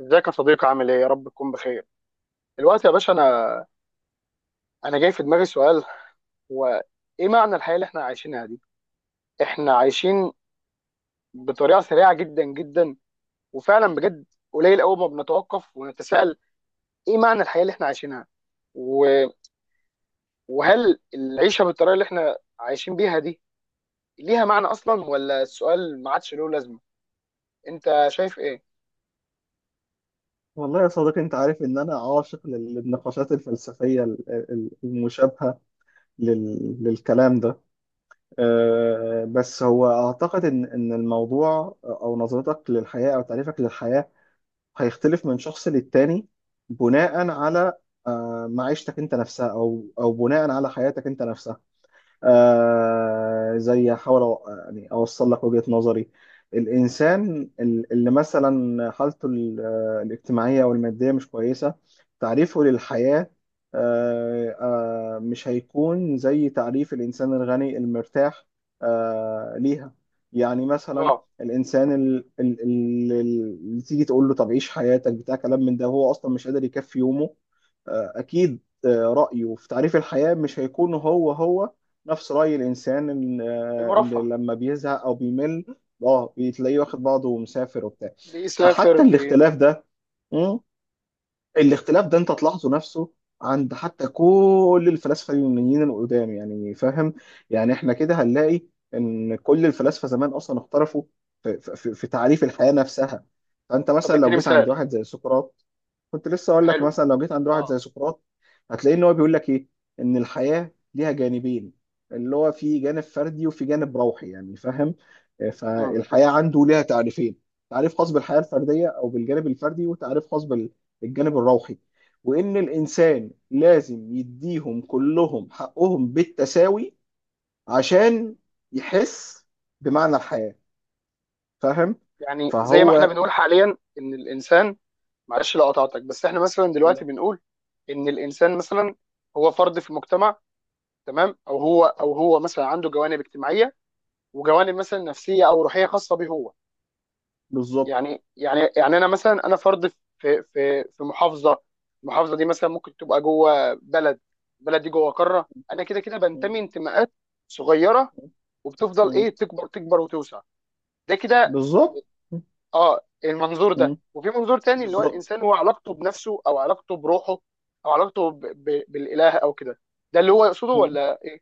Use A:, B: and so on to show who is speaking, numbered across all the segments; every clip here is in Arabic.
A: ازيك يا صديقي؟ عامل ايه؟ يا رب تكون بخير. دلوقتي يا باشا، انا جاي في دماغي سؤال، هو ايه معنى الحياه اللي احنا عايشينها دي؟ احنا عايشين بطريقه سريعه جدا جدا، وفعلا بجد قليل قوي ما بنتوقف ونتساءل ايه معنى الحياه اللي احنا عايشينها، و- وهل العيشه بالطريقه اللي احنا عايشين بيها دي ليها معنى اصلا، ولا السؤال ما عادش له لازمه؟ انت شايف ايه؟
B: والله يا صديقي، انت عارف ان انا عاشق للنقاشات الفلسفيه المشابهه للكلام ده. بس هو اعتقد ان الموضوع او نظرتك للحياه او تعريفك للحياه هيختلف من شخص للتاني، بناء على معيشتك انت نفسها، او بناء على حياتك انت نفسها. زي احاول، أو يعني اوصل لك وجهة نظري. الانسان اللي مثلا حالته الاجتماعية او المادية مش كويسة، تعريفه للحياة مش هيكون زي تعريف الانسان الغني المرتاح. آه ليها، يعني مثلا
A: اه.
B: الانسان اللي تيجي تقول له طب عيش حياتك بتاع كلام من ده، هو اصلا مش قادر يكفي يومه. اكيد، رأيه في تعريف الحياة مش هيكون هو هو نفس رأي الإنسان، إن
A: المرفه.
B: لما بيزهق أو بيمل بتلاقيه واخد بعضه ومسافر وبتاع.
A: بيسافر
B: فحتى
A: بي...
B: الاختلاف ده، الاختلاف ده انت تلاحظه نفسه عند حتى كل الفلاسفه اليونانيين القدام، يعني فاهم؟ يعني احنا كده هنلاقي ان كل الفلاسفه زمان اصلا اختلفوا في تعريف الحياه نفسها. فانت
A: طب
B: مثلا لو
A: اديني
B: جيت عند
A: مثال.
B: واحد زي سقراط، كنت لسه اقول لك،
A: حلو.
B: مثلا لو جيت عند واحد
A: اه.
B: زي سقراط هتلاقي ان هو بيقول لك ايه؟ ان الحياه ليها جانبين، اللي هو في جانب فردي وفي جانب روحي، يعني فاهم؟ فالحياه عنده ليها تعريفين، تعريف خاص بالحياه الفرديه او بالجانب الفردي، وتعريف خاص الجانب الروحي. وإن الإنسان لازم يديهم كلهم حقهم بالتساوي عشان يحس بمعنى الحياة. فاهم؟
A: يعني زي ما احنا
B: فهو
A: بنقول حاليا ان الانسان، معلش لو قطعتك، بس احنا مثلا دلوقتي
B: لا،
A: بنقول ان الانسان مثلا هو فرد في المجتمع، تمام، او هو مثلا عنده جوانب اجتماعيه وجوانب مثلا نفسيه او روحيه خاصه به هو.
B: بالظبط.
A: يعني انا مثلا انا فرد في محافظه، المحافظه دي مثلا ممكن تبقى جوه بلد، البلد دي جوه قاره، انا كده كده
B: م-
A: بنتمي انتماءات صغيره، وبتفضل
B: م-
A: ايه تكبر تكبر وتوسع، ده كده.
B: بالظبط. م-
A: اه، المنظور ده،
B: م-
A: وفي منظور تاني اللي هو
B: بالظبط.
A: الانسان هو علاقته بنفسه او علاقته بروحه او علاقته بالاله او كده، ده اللي هو يقصده ولا ايه؟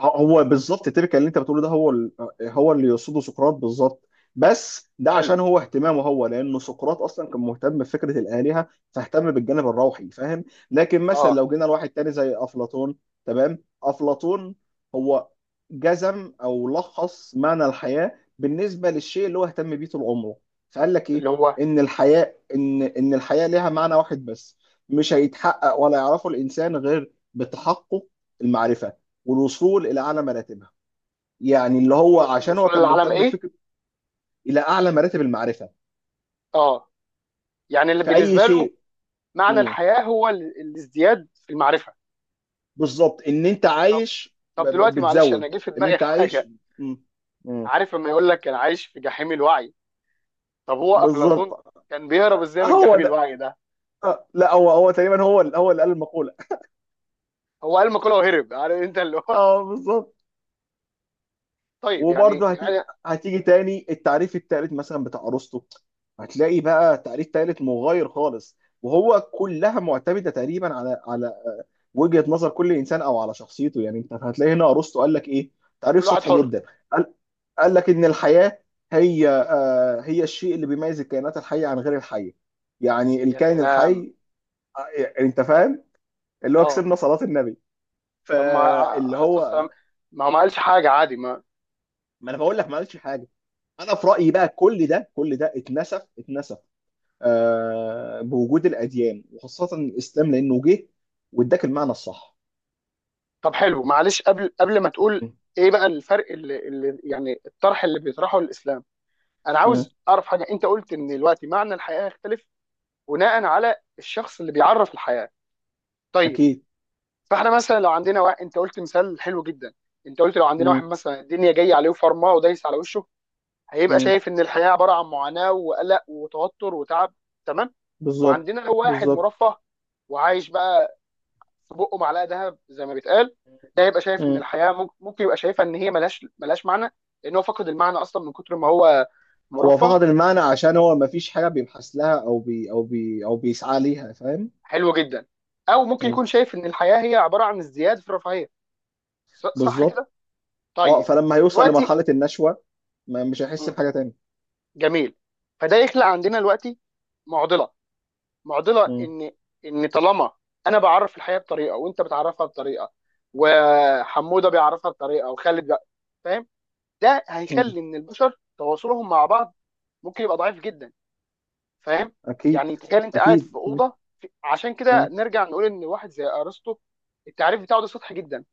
B: هو بالظبط التيبيكال اللي انت بتقوله ده هو هو اللي يقصده سقراط بالظبط. بس ده
A: حلو.
B: عشان هو اهتمامه هو، لانه سقراط اصلا كان مهتم بفكره الالهه، فاهتم بالجانب الروحي. فاهم؟ لكن مثلا
A: اه.
B: لو جينا لواحد تاني زي افلاطون، تمام؟ افلاطون هو جزم او لخص معنى الحياه بالنسبه للشيء اللي هو اهتم بيه طول عمره. فقال لك
A: اللي
B: ايه؟
A: هو
B: ان الحياه، ليها معنى واحد بس، مش هيتحقق ولا يعرفه الانسان غير بتحقق المعرفه والوصول الى اعلى مراتبها. يعني اللي هو
A: الوصول
B: عشان هو
A: الوصول
B: كان
A: للعالم،
B: مهتم
A: ايه؟
B: بفكره الى اعلى مراتب المعرفه
A: اه. يعني اللي
B: في اي
A: بالنسبه له
B: شيء.
A: معنى
B: مم.
A: الحياه هو الازدياد في المعرفه.
B: بالظبط، ان انت
A: طب
B: عايش
A: طب دلوقتي، معلش، انا
B: بتزود،
A: جه في
B: ان
A: دماغي
B: انت عايش.
A: حاجه.
B: مم. مم.
A: عارف لما يقول لك انا عايش في جحيم الوعي؟ طب هو افلاطون
B: بالظبط.
A: كان بيهرب ازاي من
B: هو
A: جحيم
B: ده.
A: الوعي ده؟
B: لا، هو تقريبا هو اللي قال المقوله.
A: هو قال مقوله وهرب، عارف انت اللي هو.
B: اه بالظبط.
A: طيب، يعني
B: وبرضه
A: يعني
B: هتيجي تاني التعريف التالت مثلا بتاع ارسطو، هتلاقي بقى تعريف تالت مغاير خالص. وهو كلها معتمده تقريبا على وجهه نظر كل انسان او على شخصيته، يعني انت هتلاقي هنا ارسطو قال لك ايه؟ تعريف
A: كل واحد
B: سطحي
A: حر.
B: جدا. قال, قال لك ان الحياه هي هي الشيء اللي بيميز الكائنات الحيه عن غير الحيه، يعني
A: يا
B: الكائن
A: سلام.
B: الحي. يعني انت فاهم، اللي هو
A: اه.
B: كسبنا صلاه النبي.
A: طب ما
B: فاللي
A: عايز
B: هو،
A: السلام، ما هو ما قالش حاجه عادي، ما.
B: ما انا بقول لك ما قالش حاجه. انا في رايي بقى كل ده كل ده اتنسف اتنسف بوجود الاديان وخاصه الاسلام، لانه جه واداك المعنى الصح.
A: طب حلو، معلش، قبل ما تقول،
B: مم.
A: ايه بقى الفرق اللي يعني الطرح اللي بيطرحه الاسلام؟ انا
B: مم.
A: عاوز اعرف حاجه، انت قلت ان دلوقتي معنى الحياه يختلف بناء على الشخص اللي بيعرف الحياه، طيب.
B: اكيد.
A: فاحنا مثلا لو عندنا واحد، انت قلت مثال حلو جدا، انت قلت لو عندنا
B: مم.
A: واحد مثلا الدنيا جايه عليه فرماه ودايس على وشه، هيبقى
B: مم.
A: شايف ان الحياه عباره عن معاناه وقلق وتوتر وتعب، تمام.
B: بالظبط،
A: وعندنا لو واحد
B: بالظبط.
A: مرفه وعايش بقى في بقه معلقه ذهب زي ما بيتقال، ده يبقى شايف ان
B: مم.
A: الحياه ممكن يبقى شايفها ان هي ملهاش معنى، لان هو فقد المعنى اصلا من كتر ما هو
B: هو
A: مرفه.
B: فقد المعنى عشان هو ما فيش حاجه بيبحث لها او بيسعى ليها، فاهم؟
A: حلو جدا. او ممكن
B: مم.
A: يكون شايف ان الحياه هي عباره عن ازدياد في الرفاهيه، صح
B: بالظبط.
A: كده؟
B: اه
A: طيب.
B: فلما هيوصل
A: دلوقتي.
B: لمرحله النشوه ما مش هيحس
A: مم،
B: بحاجه تانية.
A: جميل. فده يخلق عندنا دلوقتي معضله، معضله
B: مم.
A: ان طالما انا بعرف الحياه بطريقه وانت بتعرفها بطريقه وحموده بيعرفها بطريقه وخالد فاهم؟ ده
B: مم.
A: هيخلي ان البشر تواصلهم مع بعض ممكن يبقى ضعيف جدا، فاهم؟
B: اكيد،
A: يعني تخيل انت قاعد في
B: اكيد. مم.
A: اوضه عشان كده نرجع نقول ان واحد زي ارسطو، التعريف بتاعه ده سطحي جدا.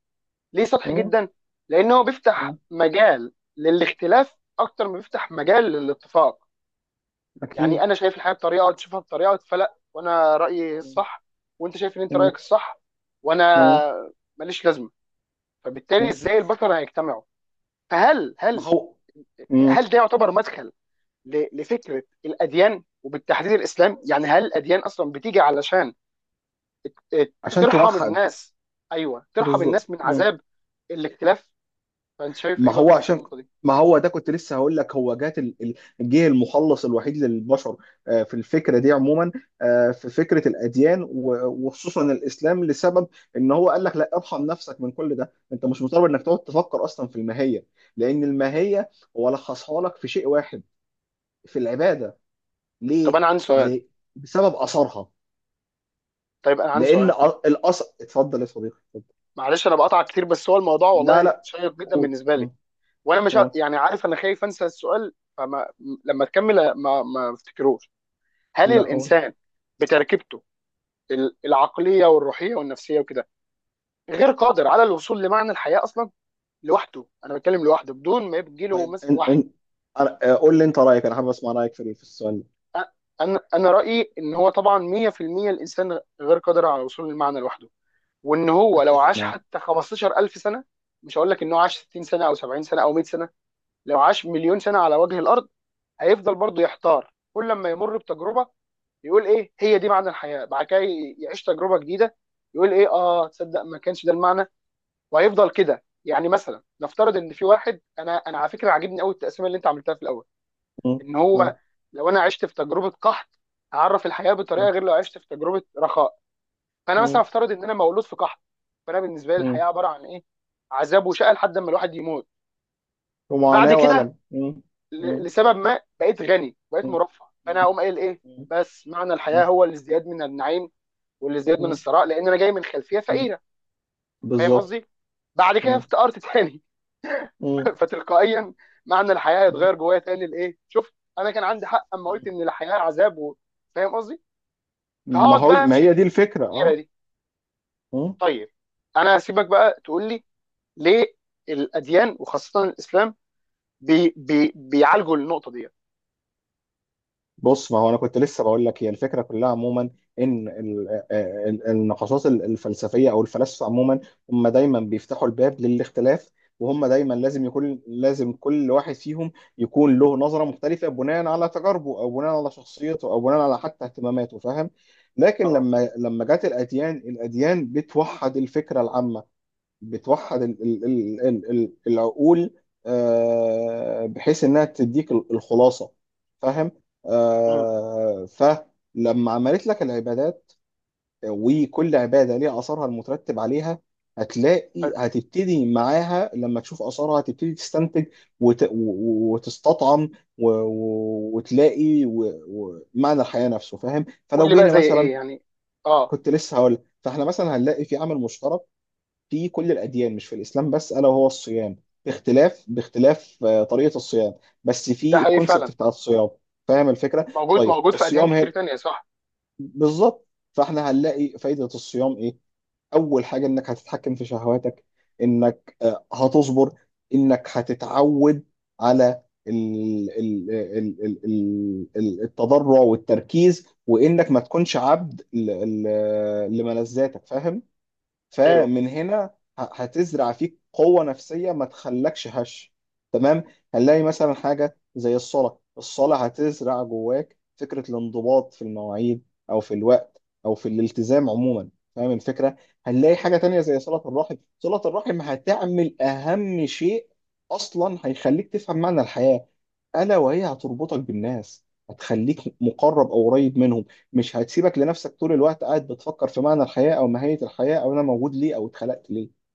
A: ليه سطحي
B: مم.
A: جدا؟ لان هو
B: مم.
A: بيفتح مجال للاختلاف اكتر ما بيفتح مجال للاتفاق. يعني
B: اكيد.
A: انا شايف الحياه بطريقه وانت شايفها بطريقه، فلا، وانا رايي الصح، وانت شايف ان انت
B: مم.
A: رايك الصح، وانا
B: مم.
A: ماليش لازمه، فبالتالي
B: مم.
A: ازاي البشر هيجتمعوا؟ فهل
B: ما
A: هل
B: هو. مم.
A: هل ده يعتبر مدخل لفكره الاديان وبالتحديد الاسلام؟ يعني هل الاديان اصلا بتيجي علشان آه،
B: عشان
A: ترحم
B: توحد.
A: الناس؟ ايوه، ترحم
B: بالظبط.
A: الناس من
B: مم.
A: عذاب الاختلاف. فانت شايف
B: ما
A: ايه
B: هو
A: برضه في
B: عشان
A: النقطه دي؟
B: ما هو ده كنت لسه هقول لك هو جه المخلص الوحيد للبشر في الفكره دي عموما، في فكره الاديان وخصوصا الاسلام، لسبب ان هو قال لك لا، ارحم نفسك من كل ده، انت مش مضطر انك تقعد تفكر اصلا في الماهيه. لان الماهيه هو لخصها لك في شيء واحد، في العباده.
A: طب
B: ليه؟
A: انا عندي سؤال.
B: ليه؟ بسبب اثرها.
A: طيب انا عندي
B: لان
A: سؤال،
B: الاثر... اتفضل يا صديقي، اتفضل.
A: معلش انا بقطع كتير، بس هو الموضوع
B: لا،
A: والله
B: لا،
A: شيق جدا
B: قول.
A: بالنسبه لي،
B: مم.
A: وانا مش
B: قول.
A: يعني عارف، انا خايف انسى السؤال، فما لما تكمل ما افتكروش. هل
B: لا، قول.
A: الانسان بتركيبته العقليه والروحيه والنفسيه وكده غير قادر على الوصول لمعنى الحياه اصلا لوحده؟ انا بتكلم لوحده بدون ما يجي له
B: طيب
A: مثلا
B: ان
A: وحي.
B: ان قول لي انت رايك، انا حابب اسمع رايك في السؤال ده.
A: أ- انا رايي ان هو طبعا 100% الانسان غير قادر على الوصول للمعنى لوحده، وان هو لو
B: اتفق
A: عاش
B: معاك.
A: حتى 15,000 سنه، مش هقول لك ان هو عاش 60 سنه او 70 سنه او 100 سنه، لو عاش مليون سنه على وجه الارض، هيفضل برضه يحتار، كل لما يمر بتجربه يقول ايه هي دي معنى الحياه، بعد كده يعيش تجربه جديده يقول ايه، اه تصدق ما كانش ده المعنى، وهيفضل كده. يعني مثلا نفترض ان في واحد، انا على فكره عاجبني قوي التقسيمه اللي انت عملتها في الاول،
B: مم.
A: ان هو،
B: مم.
A: لو انا عشت في تجربه قحط هعرف الحياه
B: مم.
A: بطريقه غير لو عشت في تجربه رخاء، فانا مثلا
B: مم.
A: افترض ان انا مولود في قحط، فانا بالنسبه لي الحياه
B: مم.
A: عباره عن ايه؟ عذاب وشقى لحد ما الواحد يموت. بعد
B: ومعاناه
A: كده،
B: والم. مم. مم.
A: لسبب ما، بقيت غني، بقيت
B: مم.
A: مرفه، فانا
B: مم.
A: هقوم قايل ايه؟
B: مم.
A: بس معنى
B: مم.
A: الحياه هو الازدياد من النعيم والازدياد من
B: مم.
A: الثراء، لان انا جاي من خلفيه
B: مم.
A: فقيره، فاهم
B: بالظبط.
A: قصدي؟ بعد كده
B: مم.
A: افتقرت تاني.
B: مم.
A: فتلقائيا معنى الحياه
B: مم.
A: هيتغير جوايا تاني لايه؟ شوف، انا كان عندي حق اما قلت ان الحياه عذاب. فاهم قصدي؟ فهقعد بقى
B: ما
A: امشي في
B: هي دي
A: الدايره
B: الفكره.
A: دي.
B: اه.
A: طيب، انا هسيبك بقى تقول لي ليه الاديان وخاصه الاسلام بي بي بيعالجوا النقطه دي.
B: بص، ما هو انا كنت لسه بقول لك هي الفكره كلها عموما. ان النقاشات الفلسفيه او الفلاسفه عموما، هم دايما بيفتحوا الباب للاختلاف، وهم دايما لازم كل واحد فيهم يكون له نظره مختلفه بناء على تجاربه او بناء على شخصيته او بناء على حتى اهتماماته، فاهم؟ لكن
A: اه.
B: لما جت الاديان، الاديان بتوحد الفكره العامه، بتوحد العقول، بحيث انها تديك الخلاصه. فاهم؟
A: امم.
B: فلما عملت لك العبادات، وكل عباده ليها اثرها المترتب عليها، هتلاقي
A: حلو،
B: هتبتدي معاها، لما تشوف اثرها هتبتدي تستنتج وتستطعم وتلاقي معنى الحياه نفسه. فاهم؟
A: قول
B: فلو
A: لي بقى
B: جينا
A: زي
B: مثلا...
A: ايه يعني. اه.
B: كنت لسه هقول، فاحنا مثلا هنلاقي في عامل مشترك في كل الأديان، مش في الإسلام بس، ألا وهو الصيام، باختلاف طريقة الصيام، بس
A: ده
B: في
A: حقيقي
B: الكونسبت
A: فعلا،
B: بتاع الصيام. فاهم الفكرة؟
A: موجود
B: طيب
A: موجود في اديان
B: الصيام
A: كتير
B: هي،
A: تانية، صح؟
B: بالظبط. فاحنا هنلاقي فايدة الصيام إيه؟ أول حاجة إنك هتتحكم في شهواتك، إنك هتصبر، إنك هتتعود على التضرع والتركيز، وإنك ما تكونش عبد لملذاتك. فاهم؟
A: ايوه.
B: فمن هنا هتزرع فيك قوة نفسية ما تخلكش هش، تمام؟ هنلاقي مثلا حاجة زي الصلاة، الصلاة هتزرع جواك فكرة الانضباط في المواعيد أو في الوقت أو في الالتزام عموما، فاهم الفكرة؟ هنلاقي حاجة تانية زي صلة الرحم، صلة الرحم هتعمل أهم شيء أصلا، هيخليك تفهم معنى الحياة، ألا وهي هتربطك بالناس، هتخليك مقرب أو قريب منهم، مش هتسيبك لنفسك طول الوقت قاعد بتفكر في معنى الحياة أو ماهية الحياة أو أنا موجود ليه أو اتخلقت ليه.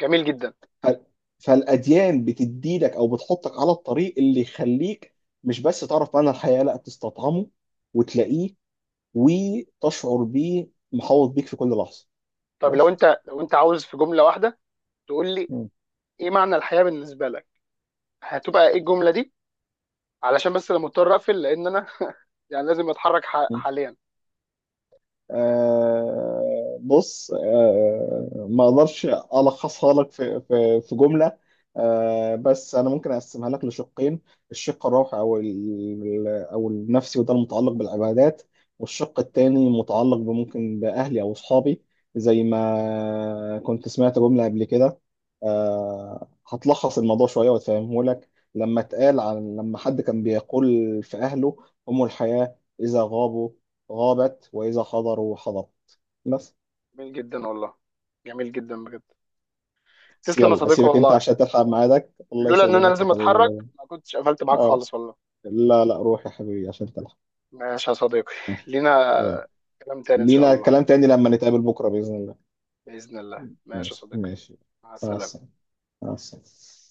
A: جميل جدا.
B: ف- فالأديان بتديلك أو بتحطك على الطريق اللي يخليك مش بس تعرف معنى الحياة، لا تستطعمه وتلاقيه وتشعر بيه محوط بيك في كل لحظة.
A: طب لو
B: بس.
A: انت لو انت عاوز في جمله واحده تقول لي
B: م.
A: ايه معنى الحياه بالنسبه لك، هتبقى ايه الجمله دي؟ علشان بس انا مضطر اقفل، لان انا يعني لازم اتحرك
B: م.
A: حاليا.
B: بص، ما اقدرش الخصها لك في في جمله. بس انا ممكن اقسمها لك لشقين، الشق الروحي او او النفسي وده المتعلق بالعبادات، والشق التاني متعلق بممكن باهلي او اصحابي. زي ما كنت سمعت جمله قبل كده هتلخص الموضوع شويه وتفهمه لك، لما اتقال عن لما حد كان بيقول في اهله، هم الحياه، اذا غابوا غابت وإذا حضروا حضرت. بس.
A: جميل جدا والله، جميل جدا بجد. تسلم يا
B: يلا
A: صديقي
B: أسيبك أنت
A: والله،
B: عشان تلحق ميعادك. الله
A: لولا ان انا
B: يسلمك يا
A: لازم
B: حبيبي.
A: اتحرك
B: لا.
A: ما كنتش قفلت معاك
B: آه
A: خالص والله.
B: لا، لا، روح يا حبيبي عشان تلحق.
A: ماشي يا صديقي.
B: ماشي.
A: لينا
B: يلا.
A: كلام تاني ان شاء
B: لينا
A: الله.
B: كلام تاني لما نتقابل بكرة بإذن الله.
A: باذن الله، ماشي يا
B: ماشي،
A: صديقي.
B: ماشي.
A: مع
B: مع
A: السلامه.
B: السلامة. مع السلامة.